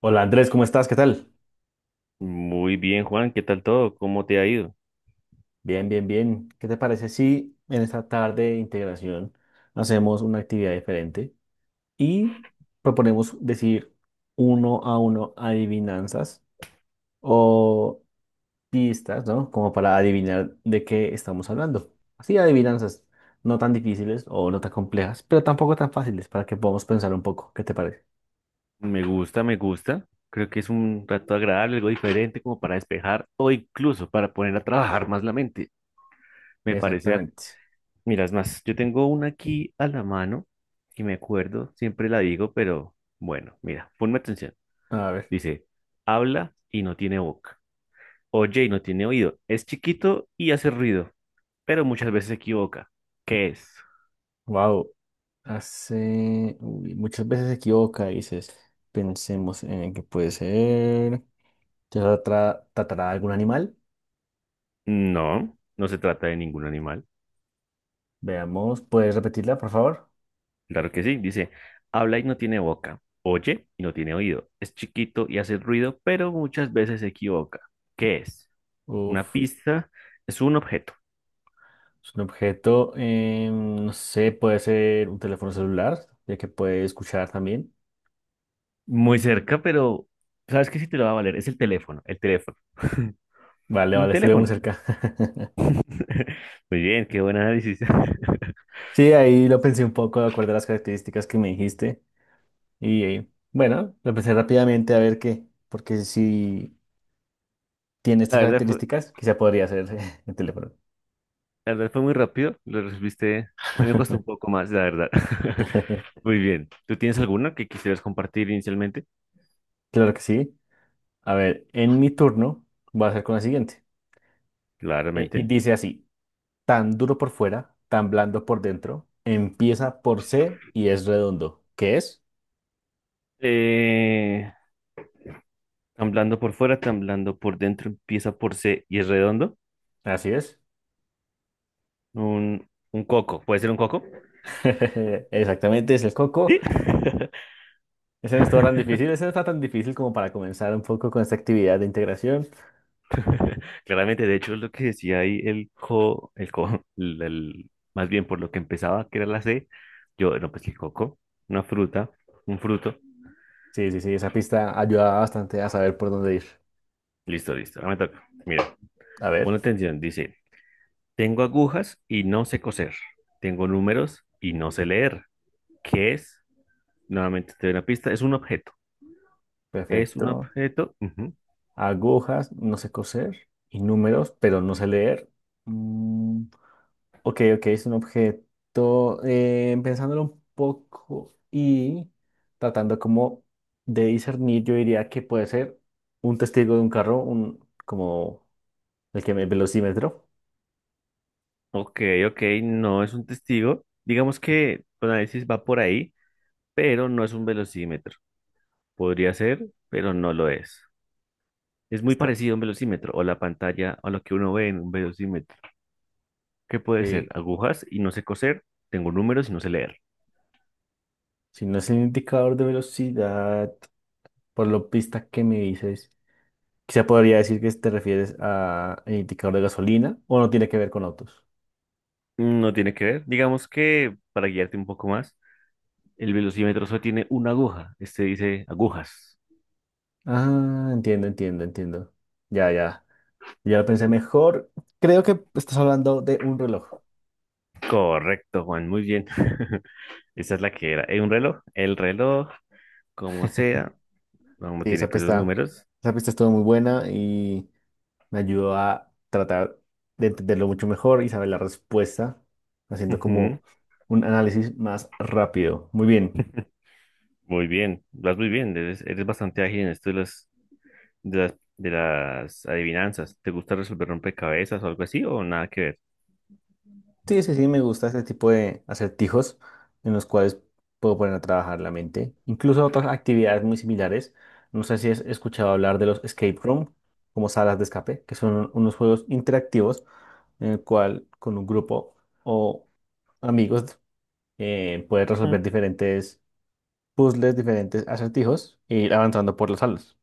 Hola Andrés, ¿cómo estás? ¿Qué tal? Muy bien, Juan, ¿qué tal todo? ¿Cómo te ha ido? Bien, bien, bien. ¿Qué te parece si en esta tarde de integración hacemos una actividad diferente y proponemos decir uno a uno adivinanzas o pistas, ¿no? Como para adivinar de qué estamos hablando. Así adivinanzas no tan difíciles o no tan complejas, pero tampoco tan fáciles para que podamos pensar un poco. ¿Qué te parece? Me gusta, me gusta. Creo que es un rato agradable, algo diferente como para despejar o incluso para poner a trabajar más la mente. Me parece, Exactamente. mira, es más, yo tengo una aquí a la mano y me acuerdo, siempre la digo, pero bueno, mira, ponme atención. A ver, Dice, habla y no tiene boca, oye y no tiene oído, es chiquito y hace ruido, pero muchas veces se equivoca. ¿Qué es? wow. Hace, uy, muchas veces se equivoca, dices, pensemos en que puede ser. Tratará de algún animal? No, no se trata de ningún animal. Veamos, ¿puedes repetirla, por favor? Claro que sí, dice, habla y no tiene boca, oye y no tiene oído, es chiquito y hace ruido, pero muchas veces se equivoca. ¿Qué es? Una Uf, pista, es un objeto. es un objeto, no sé, puede ser un teléfono celular, ya que puede escuchar también. Muy cerca, pero ¿sabes qué? Si te lo va a valer, es el teléfono, el teléfono. Vale, Un vale, estuve muy teléfono. cerca. Muy bien, qué buen análisis. Sí, ahí lo pensé un poco de acuerdo a las características que me dijiste. Y bueno, lo pensé rápidamente a ver qué, porque si tiene estas La verdad fue, características, quizá podría ser el teléfono. la verdad fue muy rápido, lo resolviste. A mí me costó un poco más, la verdad. Muy bien. ¿Tú tienes alguna que quisieras compartir inicialmente? Claro que sí. A ver, en mi turno voy a hacer con la siguiente. Y Claramente. dice así, tan duro por fuera, tan blando por dentro, empieza por C y es redondo. ¿Qué es? Eh, Tan blando por fuera, tan blando por dentro, empieza por C y es redondo. Así es. Un coco, ¿puede ser un coco? Exactamente, es el coco. Sí. Ese no está tan difícil, ese no está tan difícil como para comenzar un poco con esta actividad de integración. Claramente, de hecho, es lo que decía ahí el co, más bien por lo que empezaba, que era la C, yo, no, pues el coco, una fruta, un fruto. Sí, sí, sí, esa pista ayudaba bastante a saber por dónde ir. Listo, listo, ahora me toca. Mira, A ver, pon atención, dice, tengo agujas y no sé coser, tengo números y no sé leer. ¿Qué es? Nuevamente te doy una pista, es un objeto. Es un perfecto. objeto. Ujú. Agujas, no sé coser, y números, pero no sé leer. Mm, Ok, ok, es un objeto, pensándolo un poco y tratando como de discernir, yo diría que puede ser un testigo de un carro, un, como el que me velocímetro. Ok, ok, no es un testigo. Digamos que tu análisis va por ahí, pero no es un velocímetro. Podría ser, pero no lo es. Es muy Está, parecido a un velocímetro o la pantalla o lo que uno ve en un velocímetro. ¿Qué puede ser? ok. Agujas y no sé coser, tengo números y no sé leer. Si no es el indicador de velocidad, por lo pista que me dices, quizá podría decir que te refieres a el indicador de gasolina o no tiene que ver con autos. No tiene que ver. Digamos que, para guiarte un poco más, el velocímetro solo tiene una aguja. Este dice agujas. Ah, entiendo, entiendo, entiendo. Ya, ya. Ya lo pensé mejor. Creo que estás hablando de un reloj. Correcto, Juan, muy bien. Esa es la que era. ¿Un reloj? El reloj, como sea, no Sí, tiene pues los números. esa pista estuvo muy buena y me ayudó a tratar de entenderlo mucho mejor y saber la respuesta, haciendo Ujú. como un análisis más rápido. Muy bien. Muy bien, vas muy bien, eres bastante ágil en esto de las adivinanzas. ¿Te gusta resolver rompecabezas o algo así o nada que ver? Sí, sí, sí, me gusta este tipo de acertijos en los cuales puedo poner a trabajar la mente. Incluso otras actividades muy similares. No sé si has escuchado hablar de los escape room, como salas de escape, que son unos juegos interactivos en el cual con un grupo o amigos puedes Mm. resolver diferentes puzzles, diferentes acertijos e ir avanzando por las salas.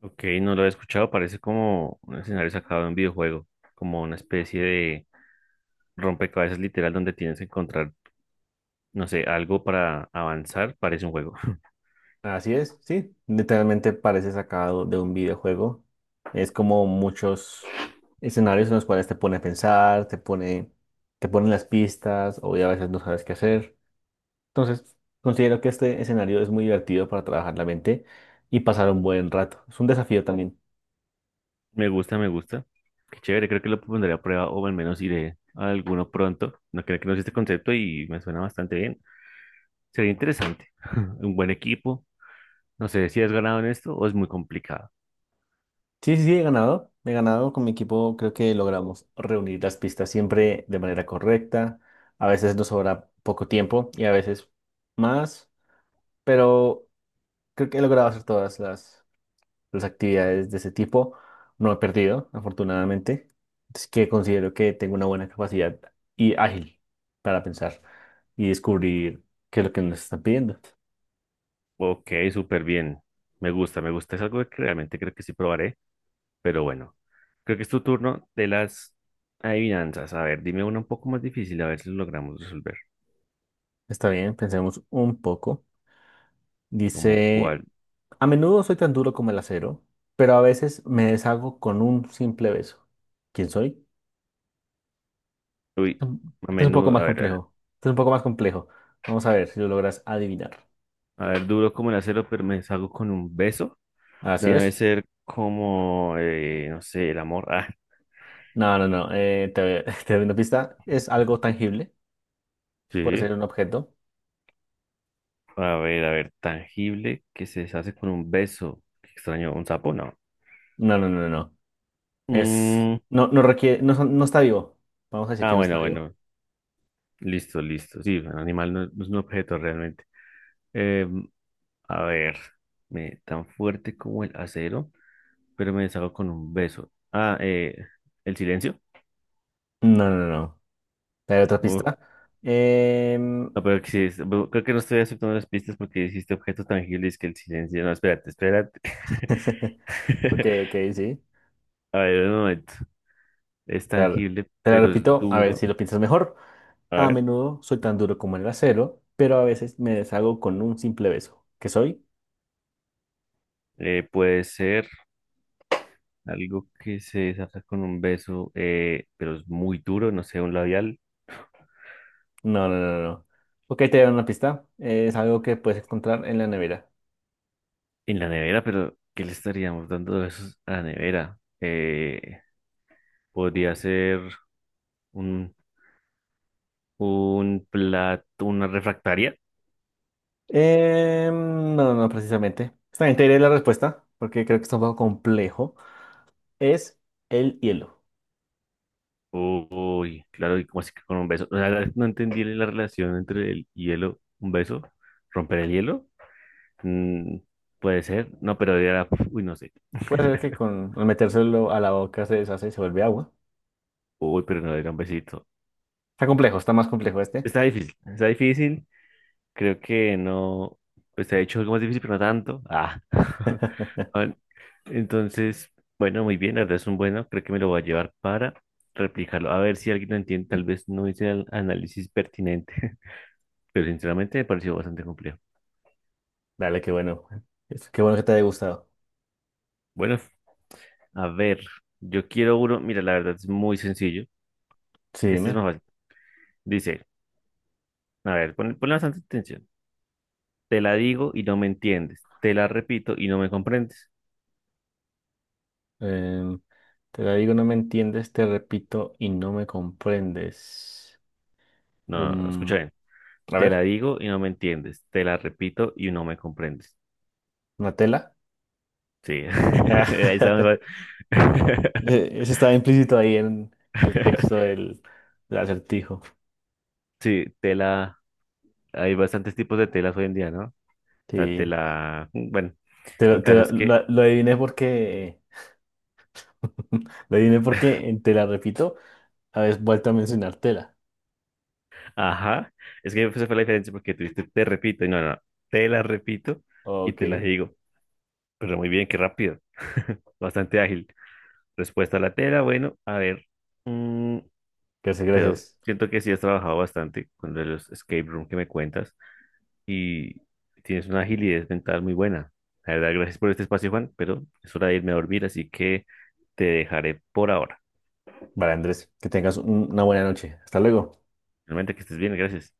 Ok, no lo he escuchado, parece como un escenario sacado de un videojuego, como una especie de rompecabezas literal donde tienes que encontrar, no sé, algo para avanzar, parece un juego. Así es, sí, literalmente parece sacado de un videojuego. Es como muchos escenarios en los cuales te pone a pensar, te pone, te ponen las pistas, o ya a veces no sabes qué hacer. Entonces, considero que este escenario es muy divertido para trabajar la mente y pasar un buen rato. Es un desafío también. Me gusta, me gusta. Qué chévere, creo que lo pondré a prueba o al menos iré a alguno pronto. No creo que no este concepto y me suena bastante bien. Sería interesante. Un buen equipo. No sé si has ganado en esto o es muy complicado. Sí, sí, sí, he ganado. He ganado con mi equipo. Creo que logramos reunir las pistas siempre de manera correcta. A veces nos sobra poco tiempo y a veces más, pero creo que he logrado hacer todas las actividades de ese tipo. No he perdido, afortunadamente. Así que considero que tengo una buena capacidad y ágil para pensar y descubrir qué es lo que nos están pidiendo. Ok, súper bien. Me gusta, me gusta. Es algo que realmente creo que sí probaré, pero bueno. Creo que es tu turno de las adivinanzas. A ver, dime una un poco más difícil, a ver si lo logramos resolver. Está bien, pensemos un poco. ¿Como Dice. cuál? A menudo soy tan duro como el acero, pero a veces me deshago con un simple beso. ¿Quién soy? Uy, Mm, a este es un poco menudo, más a ver, a ver, complejo. Este es un poco más complejo. Vamos a ver si lo logras adivinar. a ver, duro como el acero, pero me deshago con un beso. Así Debe es. ser como, no sé, el amor. Ah, No, no, no. Te doy una pista. Es algo tangible. Puede sí. ser un objeto. A ver, tangible que se deshace con un beso. Qué extraño, ¿un sapo? No. No, no, no, no. no. Es, Mm, no, no requiere, no está vivo. Vamos a decir ah, que no bueno, está vivo. bueno. Listo, listo. Sí, un animal no, no es un objeto realmente. Em, a ver, tan fuerte como el acero, pero me deshago con un beso. Ah, el silencio. No, no, no. no. ¿Te doy otra Uh, pista? Em, no, pero que sí es- creo que no estoy aceptando las pistas porque dijiste objetos tangibles que el silencio. No, espérate, espérate. Ok, ok, sí. A ver, un momento. Es Te la, tangible, te la pero es repito, a ver si duro. lo piensas mejor. A A ver, menudo soy tan duro como el acero, pero a veces me deshago con un simple beso. ¿Qué soy? Puede ser. Algo que se desata con un beso, pero es muy duro, no sé, un labial No, no, no, no. Ok, te doy una pista. Es algo que puedes encontrar en la nevera. en la nevera, pero ¿qué le estaríamos dando de besos a la nevera? Podría ser un, un plato, una refractaria. No, no, no, precisamente. Está bien, te diré la respuesta, porque creo que está un poco complejo. Es el hielo. Uy, claro, y como así que con un beso. O sea, no entendí la relación entre el hielo, un beso, romper el hielo. Mm, puede ser, no, pero era, uy, no sé. Puede ser que con al metérselo a la boca se deshace y se vuelve agua. Uy, pero no era un besito. Está complejo, está más complejo este. Está difícil, está difícil. Creo que no, pues se ha hecho algo más difícil, pero no tanto. Ah. Bueno, entonces, bueno, muy bien, la verdad es un bueno, creo que me lo voy a llevar para replicarlo. A ver si alguien lo entiende, tal vez no hice el análisis pertinente, pero sinceramente me pareció bastante complejo. Dale, qué bueno. Qué bueno que te haya gustado. Bueno, a ver, yo quiero uno, mira, la verdad es muy sencillo. Sí, Este es dime. más fácil. Dice, a ver, ponle bastante atención. Te la digo y no me entiendes. Te la repito y no me comprendes. Em, Te la digo, no me entiendes, te repito y no me comprendes. No, escucha Un... bien. A Te la ver, digo y no me entiendes. Te la repito y no me comprendes. una tela. Sí. Ahí está mejor. Eso estaba implícito ahí en el texto del acertijo. Sí, tela. Hay bastantes tipos de telas hoy en día, ¿no? O sea, Sí. tela. Bueno, el caso es que. Lo adiviné porque. Lo adiviné porque en te la repito, habéis vuelto a mencionar tela. Ajá. Es que esa fue la diferencia porque tú dijiste, te repito y no. Te la repito y Ok. te la digo. Pero muy bien, qué rápido. Bastante ágil. Respuesta a la tela, bueno, a ver. Mm, Gracias, pero gracias. siento que sí has trabajado bastante con lo de los escape room que me cuentas. Y tienes una agilidad mental muy buena. La verdad, gracias por este espacio, Juan, pero es hora de irme a dormir, así que te dejaré por ahora. Vale, Andrés, que tengas una buena noche. Hasta luego. Realmente que estés bien, gracias.